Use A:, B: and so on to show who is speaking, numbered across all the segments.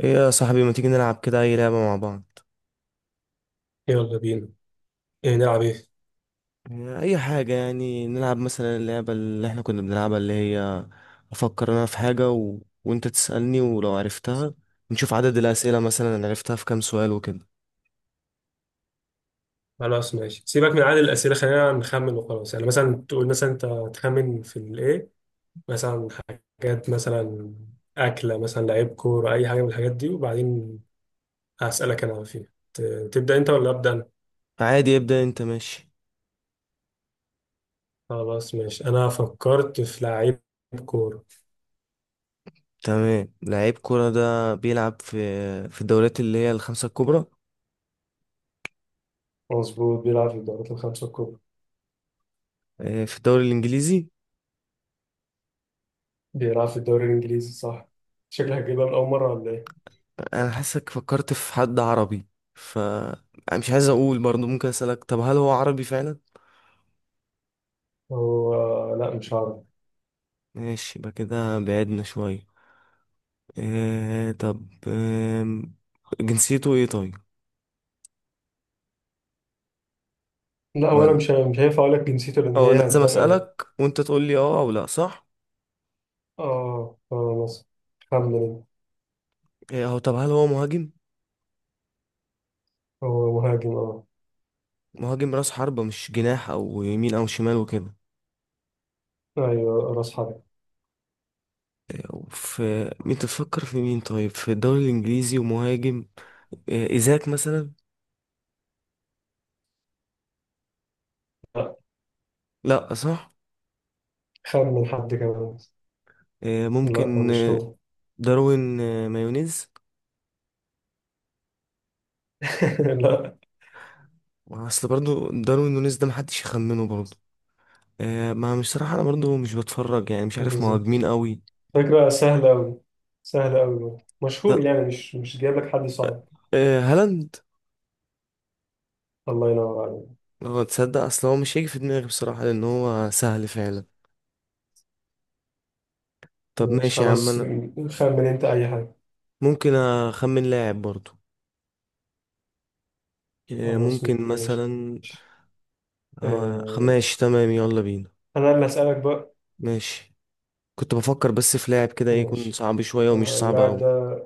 A: ايه يا صاحبي، ما تيجي نلعب كده اي لعبة مع بعض؟
B: يلا بينا. ايه نلعب ايه؟
A: يعني اي حاجة، يعني نلعب مثلا اللعبة اللي احنا كنا بنلعبها، اللي هي افكر انا في حاجة وانت تسألني ولو عرفتها، نشوف عدد الأسئلة مثلا أنا عرفتها في كام سؤال وكده.
B: خلاص ماشي، سيبك من عدد الاسئله. خلينا نخمن وخلاص. يعني مثلا تقول، مثلا انت تخمن في الايه، مثلا حاجات، مثلا اكله، مثلا لعيب كوره، اي حاجه من الحاجات دي، وبعدين هسالك انا فيها. ت- تبدا انت ولا ابدا انا؟
A: عادي، ابدأ انت، ماشي.
B: خلاص ماشي، انا فكرت في لعيب كوره.
A: تمام، لعيب كرة ده بيلعب في الدوريات اللي هي الخمسة الكبرى.
B: مظبوط، بيلعب في الدوريات الخمسه الكبرى.
A: في الدوري الانجليزي.
B: بيلعب في الدوري الانجليزي صح. شكلك هتجيبها من اول مره ولا ايه؟
A: انا حاسك فكرت في حد عربي، ف أنا مش عايز اقول، برضه ممكن اسألك، طب هل هو عربي فعلا؟
B: هو لا مش عارف.
A: ماشي، يبقى كده بعدنا شوية. طب، جنسيته ايه طيب؟
B: لا، وانا
A: ولا،
B: مش هينفع اقول لك جنسيته لان
A: اه انا
B: هي
A: لازم
B: هتبان قوي.
A: اسالك وانت تقول لي اه او لا، صح؟
B: اه اه. مصر. خمن انت.
A: هو طب هل هو مهاجم؟
B: هو مهاجم اه.
A: مهاجم راس حربة، مش جناح او يمين او شمال وكده؟
B: ايوه راس حرب.
A: آه، في مين تفكر في مين طيب في الدوري الانجليزي ومهاجم؟ ايزاك مثلا؟
B: لا.
A: لا، صح.
B: خمن حد كمان. لا هو
A: ممكن
B: مش هو.
A: داروين مايونيز؟
B: لا.
A: اصل برضو داروين نونيز ده محدش يخمنه برضو. ما مش صراحة انا برضو مش بتفرج يعني، مش عارف مهاجمين
B: بالظبط.
A: قوي.
B: فكرة سهلة أوي. سهلة أوي، مشهور، يعني مش جايب لك حد صعب.
A: هالاند.
B: الله ينور عليك.
A: اه تصدق، اصل هو مش هيجي في دماغي بصراحة لان هو سهل فعلا. طب
B: ماشي
A: ماشي يا عم،
B: خلاص.
A: انا
B: خمن انت أي حاجة.
A: ممكن اخمن لاعب برضو. إيه،
B: خلاص
A: ممكن
B: ماشي.
A: مثلا.
B: آه،
A: ماشي تمام، يلا بينا.
B: أنا اللي هسألك بقى.
A: ماشي، كنت بفكر بس في لاعب كده يكون
B: ماشي.
A: صعب شوية ومش صعب
B: اللاعب
A: اوي.
B: ده.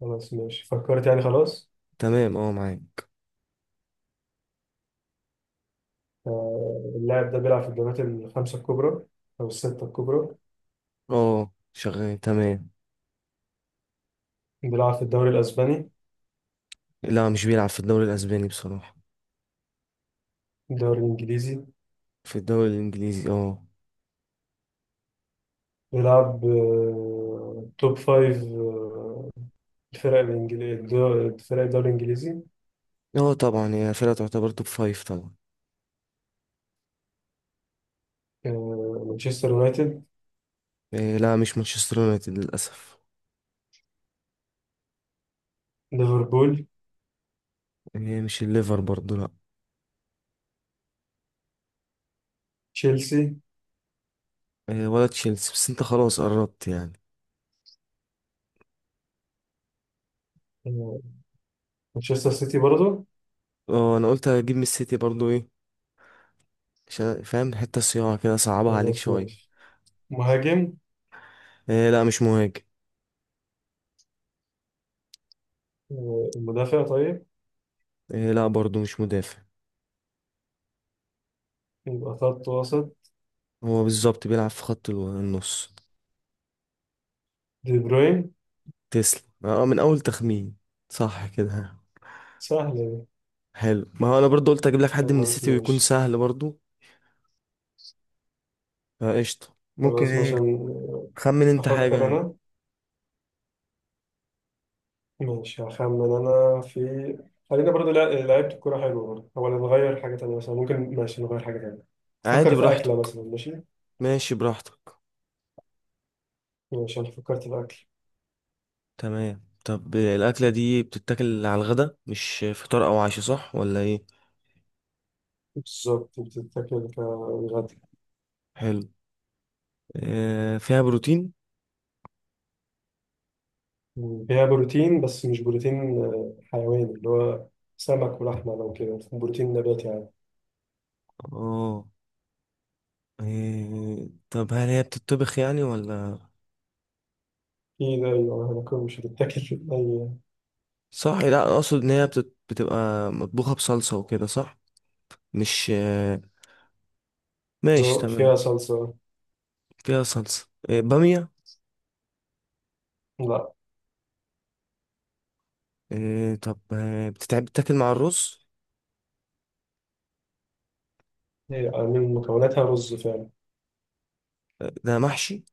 B: خلاص ماشي، فكرت يعني، خلاص.
A: تمام، اه معاك.
B: آه، اللاعب ده بيلعب في الدوريات الخمسة الكبرى أو الستة الكبرى.
A: اه، شغال تمام.
B: بيلعب في الدوري الأسباني.
A: لا، مش بيلعب في الدوري الاسباني بصراحة.
B: الدوري الإنجليزي.
A: في الدوري الانجليزي، اه.
B: بيلعب، توب فايف، الفرق الإنجليزية، فرق الدوري الإنجليزي.
A: اه طبعا، هي فرقة تعتبر توب فايف طبعا.
B: مانشستر يونايتد.
A: إيه، لا، مش مانشستر يونايتد للاسف.
B: ليفربول.
A: إيه، مش الليفر برضو، لا.
B: تشيلسي.
A: ولا تشيلسي، بس انت خلاص قربت يعني.
B: آه، مانشستر سيتي برضه.
A: اه، انا قلت هجيب من السيتي برضو ايه، عشان فاهم حتة صياعة كده صعبها عليك
B: خلاص
A: شوية.
B: ماشي. مهاجم.
A: إيه، لا مش مهاجم.
B: مدافع طيب.
A: إيه، لا برضو مش مدافع.
B: يبقى خط وسط.
A: هو بالظبط بيلعب في خط النص.
B: دي بروين.
A: تسلم، اه من اول تخمين، صح كده.
B: سهلة دي.
A: حلو، ما هو انا برضو قلت اجيب لك حد من
B: خلاص
A: السيتي ويكون
B: ماشي.
A: سهل برضو. فقشطة، ممكن
B: خلاص
A: ايه.
B: ماشي،
A: خمن انت حاجة
B: أفكر
A: يعني.
B: أنا. ماشي هخمن انا في. خلينا برضو لعيبة الكورة حلوة برضو، هو نغير حاجة تانية مثلا، ممكن ماشي نغير حاجة تانية. فكر
A: عادي،
B: في أكلة
A: براحتك.
B: مثلا، ماشي.
A: ماشي براحتك.
B: ماشي، أنا فكرت في أكل.
A: تمام، طب الأكلة دي بتتاكل على الغدا مش فطار أو عشاء، صح ولا ايه؟
B: بالظبط، بتتاكل كغدا.
A: حلو. فيها بروتين.
B: فيها بروتين، بس مش بروتين حيواني، اللي هو سمك ولحمة لو كده، بروتين نباتي يعني.
A: اه. طب هل هي بتطبخ يعني ولا؟
B: في ده أيوة، هناكل مش هتتاكل أي.
A: صح، لا اقصد ان هي بتبقى مطبوخة بصلصة وكده، صح؟ مش ماشي
B: ذوق،
A: تمام.
B: فيها صلصة.
A: فيها صلصة، بامية؟
B: لا.
A: طب بتتعب بتاكل مع الرز؟
B: هي من مكوناتها رز فعلا.
A: ده محشي؟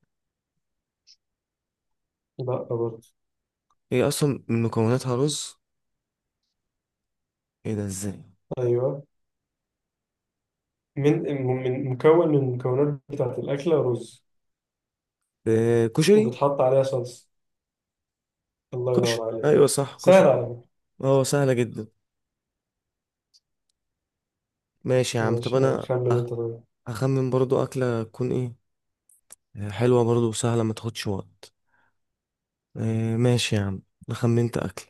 B: لا برضه.
A: هي اصلا من مكوناتها رز؟ ايه ده ازاي؟
B: أيوه. من مكون، من المكونات بتاعت الأكلة رز،
A: كشري.
B: وبتحط عليها صلصة. الله
A: كشري،
B: ينور عليك.
A: ايوه صح،
B: سهل
A: كشري.
B: على فكرة.
A: اه، سهلة جدا. ماشي يا عم، طب
B: ماشي،
A: انا
B: خمن أنت طيب.
A: هخمن برضو اكلة تكون ايه، حلوة برضو وسهلة ما تاخدش وقت. ماشي يا عم، انا خمنت اكل.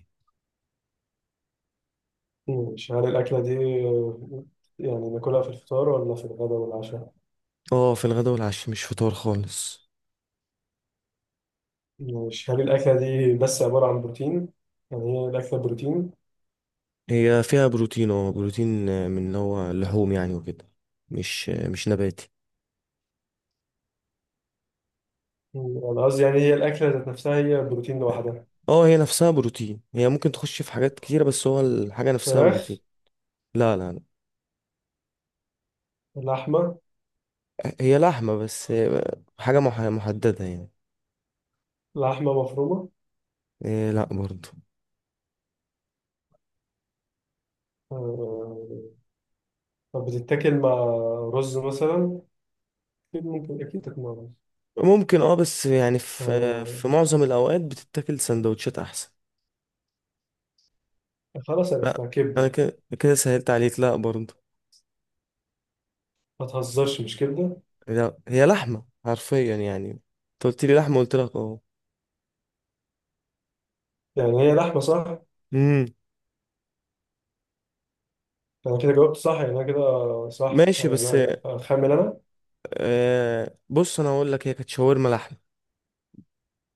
B: ماشي، هل الأكلة دي، آه، يعني ناكلها في الفطار ولا في الغداء والعشاء؟
A: اه، في الغداء والعشاء مش فطار خالص.
B: ماشي، هل الأكلة دي بس عبارة عن بروتين؟ يعني هي الأكلة بروتين؟
A: هي فيها بروتين، اه بروتين من اللي هو اللحوم يعني وكده، مش مش نباتي.
B: أنا قصدي يعني، هي الأكلة ذات نفسها هي بروتين لوحدها.
A: اه، هي نفسها بروتين، هي ممكن تخش في حاجات كتيرة بس هو الحاجة نفسها
B: فراخ.
A: بروتين. لا، لا، لا.
B: لحمة.
A: هي لحمة بس حاجة محددة يعني.
B: لحمة مفرومة.
A: لا برضو.
B: آه، طب بتتاكل مع رز مثلا؟ أكيد ممكن، أكيد تاكل مع رز.
A: ممكن اه، بس يعني في آه،
B: آه،
A: في معظم الأوقات بتتاكل سندوتشات أحسن.
B: خلاص
A: لا،
B: عرفتها،
A: أنا
B: كبدة.
A: كده كده سهلت عليك، لا برضو.
B: ما تهزرش مش كبدة.
A: لا، هي لحمة حرفيا، يعني انت قلت لي لحمة قلت لك اه.
B: يعني هي لحمة صح.
A: امم.
B: أنا كده جاوبت صح يعني، أنا كده صح،
A: ماشي
B: أو يعني
A: بس،
B: أنا أخمن أنا.
A: بص انا اقول لك هي كانت شاورما لحمة.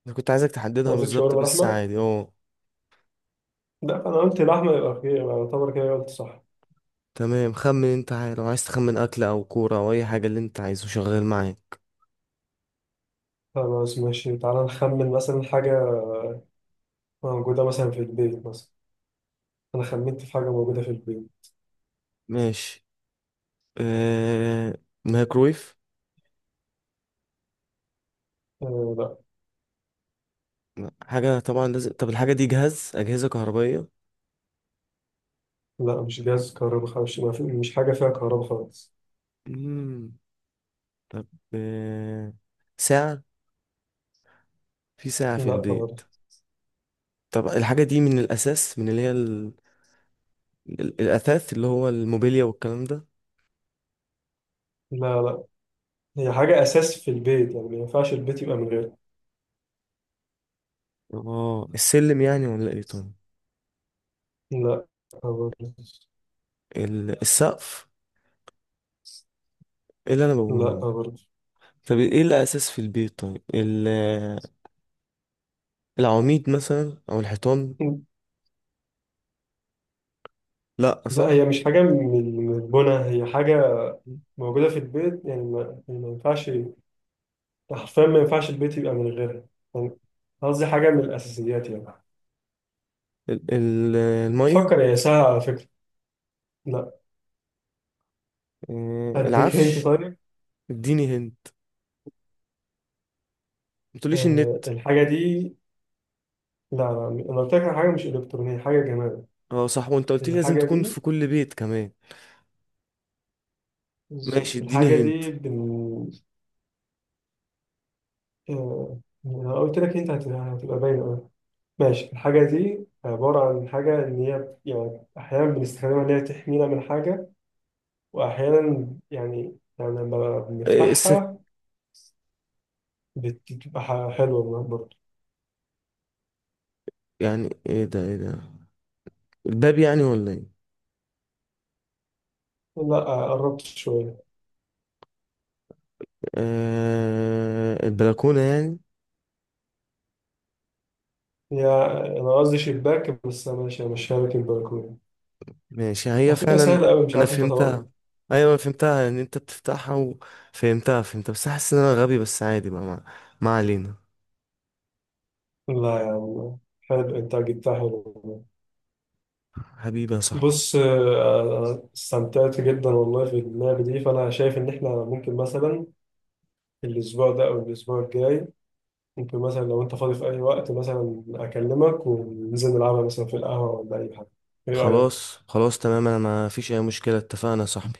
A: انا كنت عايزك تحددها
B: قصدك
A: بالظبط
B: شاورما
A: بس
B: لحمة؟
A: عادي اه.
B: لا أنا قلت لحمة، يبقى كده يبقى يعتبر كده قلت صح.
A: تمام، خمن انت، عايز لو عايز تخمن اكل او كورة او اي حاجة، اللي انت عايزه شغال معايا.
B: خلاص ماشي، تعالى نخمن مثلا حاجة موجودة مثلا في البيت مثلا. أنا خمنت في حاجة موجودة في البيت.
A: ماشي. آه مايكرويف.
B: آه لا.
A: لا، حاجة طبعا لازم. طب الحاجة دي جهاز، أجهزة كهربائية؟
B: لا مش جهاز كهرباء خالص، ما في- مش حاجة فيها كهرباء خالص.
A: امم. طب آه... ساعة، في ساعة في
B: لا
A: البيت؟
B: برضه.
A: طب الحاجة دي من الأساس، من اللي هي الأثاث اللي هو الموبيليا والكلام ده؟
B: لا، لا هي حاجة أساس في البيت، يعني ما ينفعش البيت يبقى من غيرها.
A: اه السلم، يعني ولا ايه طيب؟
B: لا برضه.
A: السقف؟ ايه اللي انا
B: لا
A: بقوله.
B: برضه.
A: طب ايه الأساس في البيت طيب، العواميد مثلا أو الحيطان؟ لأ،
B: لا، هي
A: صح.
B: مش حاجة من البنا، هي حاجة موجودة في البيت، يعني ما, يعني ما ينفعش، حرفيا ما ينفعش البيت يبقى من غيرها يعني. قصدي حاجة من الأساسيات يعني.
A: المية؟
B: فكر يا، سهلة على فكرة. لا. هديك انت
A: العفش؟
B: طيب.
A: اديني هنت. ما تقوليش النت.
B: الحاجة دي. لا لا، أنا قلت لك على حاجة مش إلكترونية، حاجة جمال.
A: اه صح، وانت قلت لي لازم
B: الحاجة
A: تكون
B: دي.
A: في كل بيت كمان. ماشي،
B: بالظبط،
A: اديني
B: الحاجة
A: هنت.
B: دي آه أنا قلت لك أنت هتبقى باينة أوي. ماشي، الحاجة دي عبارة عن حاجة إن هي يعني أحيانا بنستخدمها إن هي تحمينا من حاجة، واحيانا يعني لما
A: السك؟
B: بنفتحها، بتبقى حلوه من برضه.
A: يعني ايه ده، ايه ده؟ الباب يعني ولا ايه؟
B: لا. قربت شويه.
A: البلكونة يعني؟
B: هي، انا قصدي شباك، بس انا ماشي ماشيها لك البلكونه.
A: ماشي، هي
B: على فكره
A: فعلا.
B: سهله قوي، مش
A: انا
B: عارف انت طبقا.
A: فهمتها. ايوه انا فهمتها ان انت بتفتحها، وفهمتها بس حاسس ان انا غبي، بس عادي بقى، ما علينا.
B: لا يا عم، حلو، انت جبتها حلو.
A: حبيبي يا صاحبي.
B: بص، أنا استمتعت جدا والله في اللعبه دي، فانا شايف ان احنا ممكن مثلا الاسبوع ده او الاسبوع الجاي، ممكن مثلا لو انت فاضي في اي وقت، مثلا اكلمك وننزل نلعبها مثلا في القهوه ولا اي حاجه. ايه رايك؟
A: خلاص، خلاص، تمام، انا ما فيش اي مشكلة، اتفقنا يا صاحبي.